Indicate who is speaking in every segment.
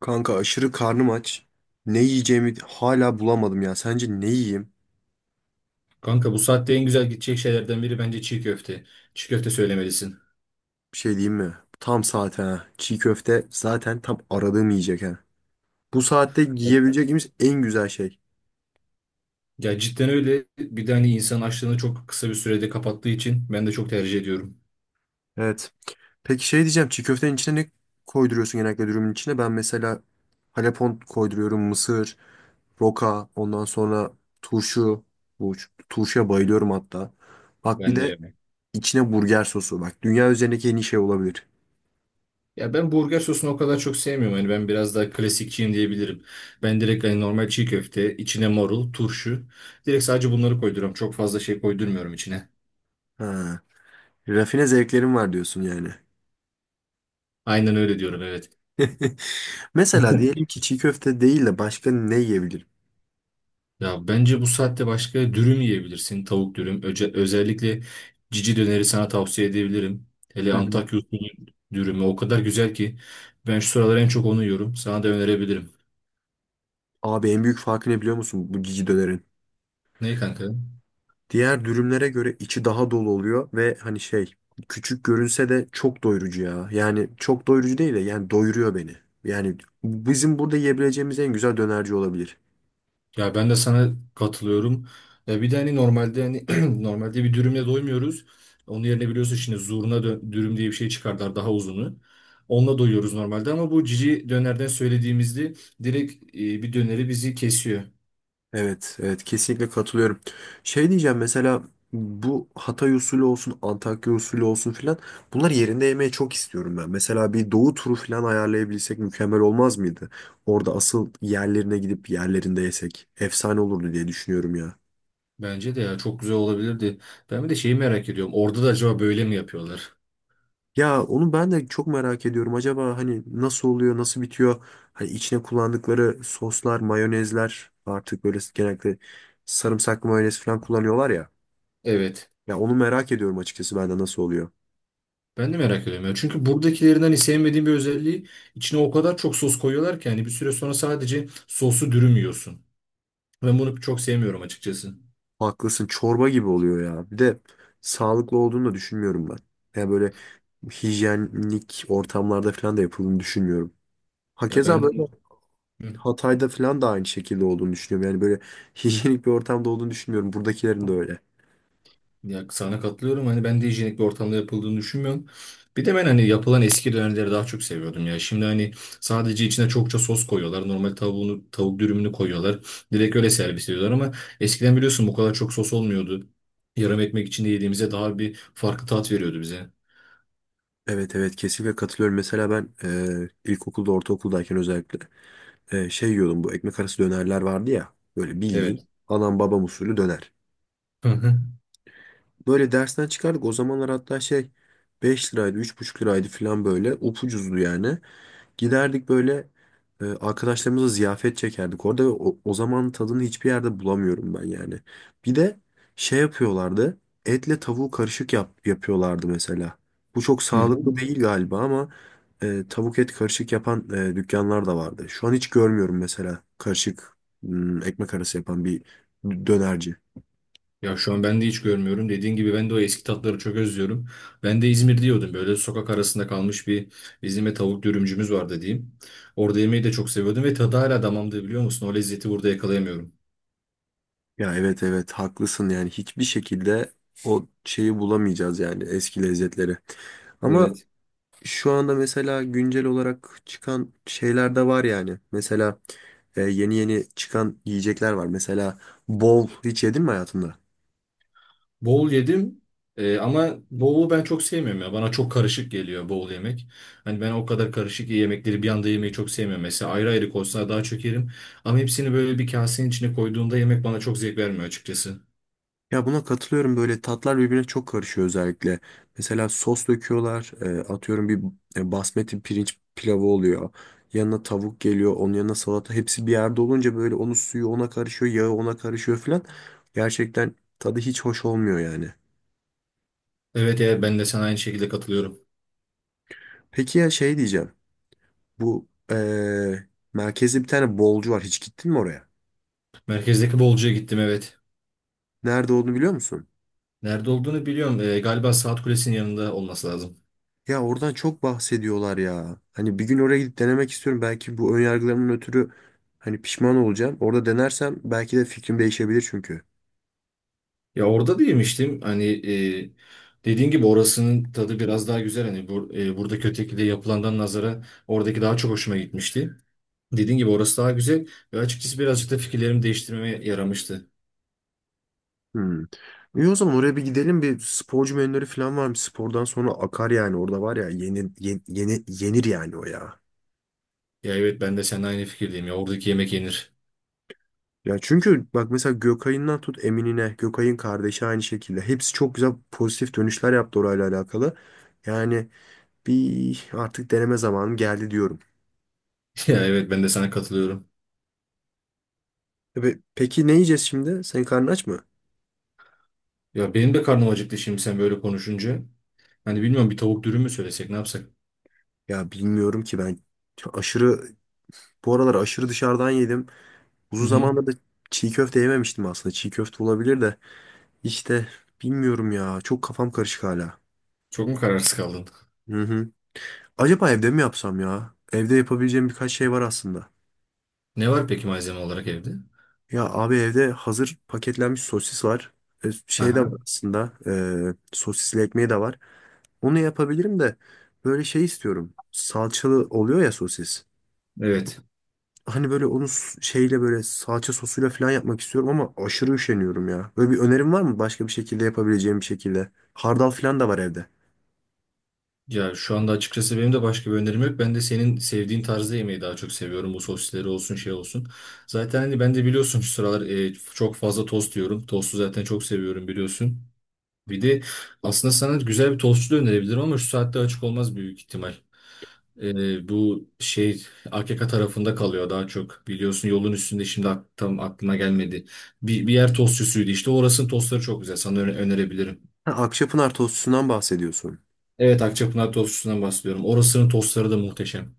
Speaker 1: Kanka aşırı karnım aç. Ne yiyeceğimi hala bulamadım ya. Sence ne yiyeyim?
Speaker 2: Kanka, bu saatte en güzel gidecek şeylerden biri bence çiğ köfte. Çiğ köfte söylemelisin.
Speaker 1: Bir şey diyeyim mi? Tam saate ha. Çiğ köfte zaten tam aradığım yiyecek ha. Bu saatte
Speaker 2: Evet.
Speaker 1: yiyebileceğimiz en güzel şey.
Speaker 2: Ya cidden öyle. Bir de hani insan açlığını çok kısa bir sürede kapattığı için ben de çok tercih ediyorum.
Speaker 1: Evet. Peki şey diyeceğim. Çiğ köftenin içine ne koyduruyorsun genellikle dürümün içine? Ben mesela halepon koyduruyorum. Mısır, roka, ondan sonra turşu. Bu turşuya bayılıyorum hatta. Bak bir
Speaker 2: Ben de
Speaker 1: de
Speaker 2: yemek.
Speaker 1: içine burger sosu. Bak dünya üzerindeki en iyi şey olabilir.
Speaker 2: Ya ben burger sosunu o kadar çok sevmiyorum. Hani ben biraz daha klasikçiyim diyebilirim. Ben direkt hani normal çiğ köfte, içine marul, turşu. Direkt sadece bunları koyduruyorum. Çok fazla şey koydurmuyorum içine.
Speaker 1: Ha. Rafine zevklerim var diyorsun yani.
Speaker 2: Aynen öyle diyorum, evet.
Speaker 1: Mesela diyelim ki çiğ köfte değil de başka ne yiyebilirim?
Speaker 2: Ya bence bu saatte başka dürüm yiyebilirsin. Tavuk dürüm. Özellikle cici döneri sana tavsiye edebilirim. Hele
Speaker 1: Hı hı.
Speaker 2: Antakya usulü dürümü o kadar güzel ki ben şu sıralar en çok onu yiyorum. Sana da önerebilirim.
Speaker 1: Abi en büyük farkı ne biliyor musun bu cici dönerin?
Speaker 2: Ne kanka?
Speaker 1: Diğer dürümlere göre içi daha dolu oluyor ve hani şey küçük görünse de çok doyurucu ya. Yani çok doyurucu değil de yani doyuruyor beni. Yani bizim burada yiyebileceğimiz en güzel dönerci olabilir.
Speaker 2: Ya ben de sana katılıyorum. Ya bir de hani normalde hani normalde bir dürümle doymuyoruz. Onun yerine biliyorsun şimdi dürüm diye bir şey çıkardılar, daha uzunu. Onunla doyuyoruz normalde ama bu cici dönerden söylediğimizde direkt bir döneri bizi kesiyor.
Speaker 1: Evet, evet kesinlikle katılıyorum. Şey diyeceğim mesela bu Hatay usulü olsun, Antakya usulü olsun filan bunlar yerinde yemeyi çok istiyorum ben. Mesela bir Doğu turu filan ayarlayabilsek mükemmel olmaz mıydı? Orada asıl yerlerine gidip yerlerinde yesek efsane olurdu diye düşünüyorum ya.
Speaker 2: Bence de ya çok güzel olabilirdi. Ben bir de şeyi merak ediyorum. Orada da acaba böyle mi yapıyorlar?
Speaker 1: Ya onu ben de çok merak ediyorum. Acaba hani nasıl oluyor, nasıl bitiyor? Hani içine kullandıkları soslar, mayonezler artık böyle genellikle sarımsaklı mayonez falan kullanıyorlar ya.
Speaker 2: Evet.
Speaker 1: Ya onu merak ediyorum açıkçası ben de nasıl oluyor.
Speaker 2: Ben de merak ediyorum ya. Çünkü buradakilerinden hani sevmediğim bir özelliği, içine o kadar çok sos koyuyorlar ki hani bir süre sonra sadece sosu dürüm yiyorsun. Ben bunu çok sevmiyorum açıkçası.
Speaker 1: Haklısın. Çorba gibi oluyor ya. Bir de sağlıklı olduğunu da düşünmüyorum ben. Yani böyle hijyenik ortamlarda falan da yapıldığını düşünmüyorum.
Speaker 2: Ya
Speaker 1: Hakeza böyle
Speaker 2: benden.
Speaker 1: Hatay'da falan da aynı şekilde olduğunu düşünüyorum. Yani böyle hijyenik bir ortamda olduğunu düşünmüyorum. Buradakilerin de öyle.
Speaker 2: Ya sana katılıyorum. Hani ben de hijyenik bir ortamda yapıldığını düşünmüyorum. Bir de ben hani yapılan eski dönerleri daha çok seviyordum ya. Şimdi hani sadece içine çokça sos koyuyorlar. Normal tavuğunu, tavuk dürümünü koyuyorlar. Direkt öyle servis ediyorlar ama eskiden biliyorsun bu kadar çok sos olmuyordu. Yarım ekmek içinde yediğimize daha bir farklı tat veriyordu bize.
Speaker 1: Evet evet kesinlikle katılıyorum. Mesela ben ilkokulda ortaokuldayken özellikle şey yiyordum bu ekmek arası dönerler vardı ya. Böyle bildiğin
Speaker 2: Evet.
Speaker 1: anam babam usulü döner.
Speaker 2: Hı hı.
Speaker 1: Böyle dersten çıkardık. O zamanlar hatta şey 5 liraydı, 3,5 liraydı falan böyle. Upucuzdu yani. Giderdik böyle arkadaşlarımıza ziyafet çekerdik orada ve o zaman tadını hiçbir yerde bulamıyorum ben yani. Bir de şey yapıyorlardı. Etle tavuğu karışık yapıyorlardı mesela. Bu çok
Speaker 2: Hı hı.
Speaker 1: sağlıklı değil galiba ama tavuk et karışık yapan dükkanlar da vardı. Şu an hiç görmüyorum mesela karışık ekmek arası yapan bir dönerci.
Speaker 2: Ya şu an ben de hiç görmüyorum. Dediğin gibi ben de o eski tatları çok özlüyorum. Ben de İzmir diyordum. Böyle sokak arasında kalmış bir İzmir'de tavuk dürümcümüz vardı diyeyim. Orada yemeği de çok seviyordum ve tadı hala damağımda, biliyor musun? O lezzeti burada yakalayamıyorum.
Speaker 1: Ya evet evet haklısın yani hiçbir şekilde o şeyi bulamayacağız yani eski lezzetleri. Ama
Speaker 2: Evet.
Speaker 1: şu anda mesela güncel olarak çıkan şeyler de var yani. Mesela yeni yeni çıkan yiyecekler var. Mesela bol hiç yedin mi hayatında?
Speaker 2: Bol yedim. Ama bolu ben çok sevmiyorum ya. Bana çok karışık geliyor bol yemek. Hani ben o kadar karışık yemekleri bir anda yemeyi çok sevmiyorum. Mesela ayrı ayrı konsa daha çok yerim. Ama hepsini böyle bir kasenin içine koyduğunda yemek bana çok zevk vermiyor açıkçası.
Speaker 1: Ya buna katılıyorum böyle tatlar birbirine çok karışıyor özellikle. Mesela sos döküyorlar, atıyorum bir basmati pirinç pilavı oluyor. Yanına tavuk geliyor, onun yanına salata hepsi bir yerde olunca böyle onun suyu ona karışıyor, yağı ona karışıyor filan. Gerçekten tadı hiç hoş olmuyor yani.
Speaker 2: Evet, evet, ben de sana aynı şekilde katılıyorum.
Speaker 1: Peki ya şey diyeceğim. Bu merkezde bir tane bolcu var. Hiç gittin mi oraya?
Speaker 2: Merkezdeki bolcuya gittim, evet.
Speaker 1: Nerede olduğunu biliyor musun?
Speaker 2: Nerede olduğunu biliyorum. Galiba Saat Kulesi'nin yanında olması lazım.
Speaker 1: Ya oradan çok bahsediyorlar ya. Hani bir gün oraya gidip denemek istiyorum. Belki bu önyargılarımın ötürü hani pişman olacağım. Orada denersem belki de fikrim değişebilir çünkü.
Speaker 2: Ya orada da yemiştim. Hani dediğin gibi orasının tadı biraz daha güzel. Hani buradaki ötekide yapılandan nazara oradaki daha çok hoşuma gitmişti. Dediğin gibi orası daha güzel ve açıkçası birazcık da fikirlerimi değiştirmeme yaramıştı.
Speaker 1: Hmm. İyi o zaman oraya bir gidelim. Bir sporcu menüleri falan var mı? Spordan sonra akar yani. Orada var ya yeni, yeni, yenir yani o ya.
Speaker 2: Ya evet, ben de seninle aynı fikirdeyim ya, oradaki yemek yenir.
Speaker 1: Ya çünkü bak mesela Gökay'ından tut Emin'ine, Gökay'ın kardeşi aynı şekilde. Hepsi çok güzel pozitif dönüşler yaptı orayla alakalı. Yani bir artık deneme zamanım geldi diyorum.
Speaker 2: Ya evet, ben de sana katılıyorum.
Speaker 1: Peki ne yiyeceğiz şimdi? Senin karnın aç mı?
Speaker 2: Ya benim de karnım acıktı şimdi sen böyle konuşunca. Hani bilmiyorum, bir tavuk dürüm mü söylesek, ne yapsak?
Speaker 1: Ya bilmiyorum ki ben aşırı bu aralar aşırı dışarıdan yedim. Uzun
Speaker 2: Hı hı.
Speaker 1: zamandır da çiğ köfte yememiştim aslında. Çiğ köfte olabilir de işte bilmiyorum ya. Çok kafam karışık hala.
Speaker 2: Çok mu kararsız kaldın?
Speaker 1: Hı hı. Acaba evde mi yapsam ya? Evde yapabileceğim birkaç şey var aslında.
Speaker 2: Ne var peki malzeme olarak evde?
Speaker 1: Ya abi evde hazır paketlenmiş sosis var. Şey de
Speaker 2: Aha,
Speaker 1: var aslında. Sosisli ekmeği de var. Onu yapabilirim de böyle şey istiyorum. Salçalı oluyor ya sosis.
Speaker 2: evet.
Speaker 1: Hani böyle onu şeyle böyle salça sosuyla falan yapmak istiyorum ama aşırı üşeniyorum ya. Böyle bir önerim var mı başka bir şekilde yapabileceğim bir şekilde? Hardal falan da var evde.
Speaker 2: Ya şu anda açıkçası benim de başka bir önerim yok. Ben de senin sevdiğin tarzda yemeği daha çok seviyorum. Bu sosisleri olsun, şey olsun. Zaten hani ben de biliyorsun şu sıralar çok fazla tost yiyorum. Tostu zaten çok seviyorum, biliyorsun. Bir de aslında sana güzel bir tostçu da önerebilirim ama şu saatte açık olmaz büyük ihtimal. Bu şey AKK tarafında kalıyor daha çok. Biliyorsun yolun üstünde şimdi tam aklıma gelmedi. Bir yer tostçusuydu işte. Orasının tostları çok güzel. Sana önerebilirim.
Speaker 1: Ha, Akçapınar tostusundan bahsediyorsun.
Speaker 2: Evet, Akçapınar tostçusundan bahsediyorum. Orasının tostları da muhteşem.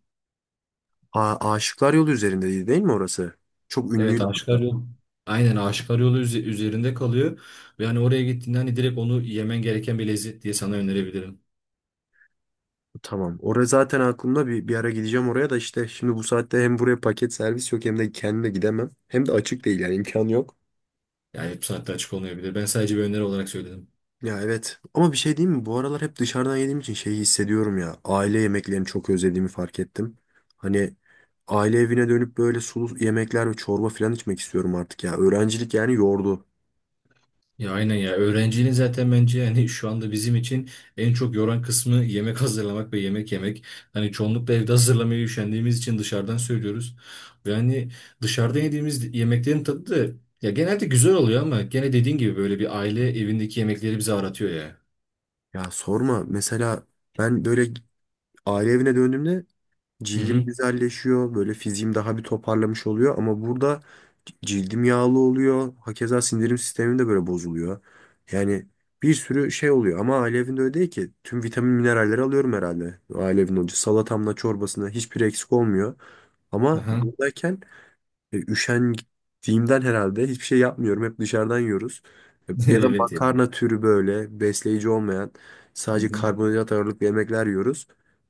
Speaker 1: Ha, Aşıklar Yolu üzerindeydi değil mi orası? Çok
Speaker 2: Evet,
Speaker 1: ünlüydü
Speaker 2: Aşıklar
Speaker 1: hatta.
Speaker 2: Yolu. Aynen Aşıklar Yolu üzerinde kalıyor. Ve hani oraya gittiğinde hani direkt onu yemen gereken bir lezzet diye sana önerebilirim.
Speaker 1: Tamam. Orası zaten aklımda bir ara gideceğim oraya da işte şimdi bu saatte hem buraya paket servis yok hem de kendime gidemem. Hem de açık değil yani imkan yok.
Speaker 2: Yani bu saatte açık olmayabilir. Ben sadece bir öneri olarak söyledim.
Speaker 1: Ya evet ama bir şey diyeyim mi? Bu aralar hep dışarıdan yediğim için şeyi hissediyorum ya. Aile yemeklerini çok özlediğimi fark ettim. Hani aile evine dönüp böyle sulu yemekler ve çorba falan içmek istiyorum artık ya. Öğrencilik yani yordu.
Speaker 2: Ya aynen ya. Öğrenciliğin zaten bence yani şu anda bizim için en çok yoran kısmı yemek hazırlamak ve yemek yemek. Hani çoğunlukla evde hazırlamaya üşendiğimiz için dışarıdan söylüyoruz. Yani dışarıda yediğimiz yemeklerin tadı da ya genelde güzel oluyor ama gene dediğin gibi böyle bir aile evindeki yemekleri bize aratıyor ya.
Speaker 1: Ya sorma mesela ben böyle aile evine döndüğümde
Speaker 2: Hı
Speaker 1: cildim
Speaker 2: hı.
Speaker 1: güzelleşiyor. Böyle fiziğim daha bir toparlamış oluyor. Ama burada cildim yağlı oluyor. Hakeza sindirim sistemim de böyle bozuluyor. Yani bir sürü şey oluyor. Ama ailevinde öyle değil ki. Tüm vitamin mineralleri alıyorum herhalde. Ailevin hoca salatamla çorbasına hiçbir eksik olmuyor. Ama
Speaker 2: Aha.
Speaker 1: buradayken üşendiğimden herhalde hiçbir şey yapmıyorum. Hep dışarıdan yiyoruz. Ya da
Speaker 2: Evet
Speaker 1: makarna türü böyle besleyici olmayan sadece
Speaker 2: yani.
Speaker 1: karbonhidrat ağırlıklı yemekler yiyoruz.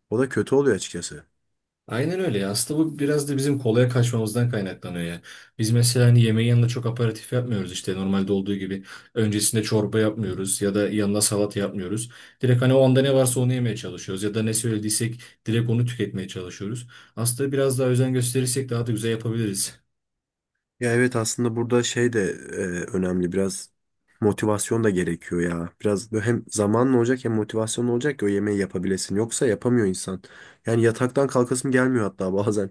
Speaker 1: O da kötü oluyor açıkçası.
Speaker 2: Aynen öyle ya. Aslında bu biraz da bizim kolaya kaçmamızdan kaynaklanıyor ya. Biz mesela hani yemeğin yanında çok aperatif yapmıyoruz işte normalde olduğu gibi. Öncesinde çorba yapmıyoruz ya da yanına salata yapmıyoruz. Direkt hani o anda ne varsa onu yemeye çalışıyoruz ya da ne söylediysek direkt onu tüketmeye çalışıyoruz. Aslında biraz daha özen gösterirsek daha da güzel yapabiliriz.
Speaker 1: Ya evet aslında burada şey de e, önemli biraz motivasyon da gerekiyor ya. Biraz böyle hem zamanla olacak hem motivasyonla olacak ki o yemeği yapabilesin. Yoksa yapamıyor insan. Yani yataktan kalkasım gelmiyor hatta bazen.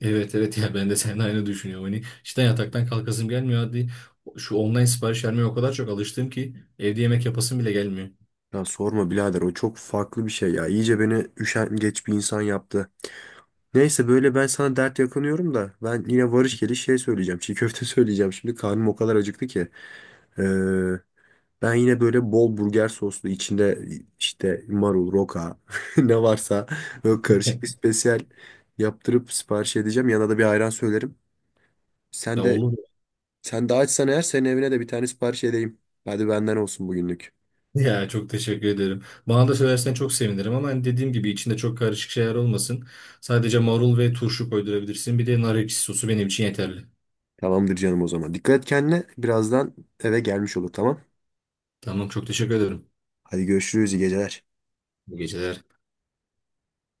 Speaker 2: Evet, evet, ya ben de seninle aynı düşünüyorum. Hani işte yataktan kalkasım gelmiyor. Hadi, şu online sipariş vermeye o kadar çok alıştım ki evde yemek yapasım bile gelmiyor.
Speaker 1: Ya sorma birader o çok farklı bir şey ya. İyice beni üşengeç bir insan yaptı. Neyse böyle ben sana dert yakınıyorum da ben yine varış geliş şey söyleyeceğim. Çiğ köfte söyleyeceğim. Şimdi karnım o kadar acıktı ki. Ee, Ben yine böyle bol burger soslu içinde işte marul, roka ne varsa böyle karışık bir spesiyel yaptırıp sipariş edeceğim. Yanına da bir ayran söylerim. Sen
Speaker 2: Ya
Speaker 1: de
Speaker 2: olur.
Speaker 1: sen de açsan eğer senin evine de bir tane sipariş edeyim. Hadi benden olsun bugünlük.
Speaker 2: Ya çok teşekkür ederim. Bana da söylersen çok sevinirim ama hani dediğim gibi içinde çok karışık şeyler olmasın. Sadece marul ve turşu koydurabilirsin. Bir de nar ekşi sosu benim için yeterli.
Speaker 1: Tamamdır canım o zaman. Dikkat et kendine. Birazdan eve gelmiş olur tamam.
Speaker 2: Tamam, çok teşekkür ederim.
Speaker 1: Hadi görüşürüz iyi geceler.
Speaker 2: Bu geceler.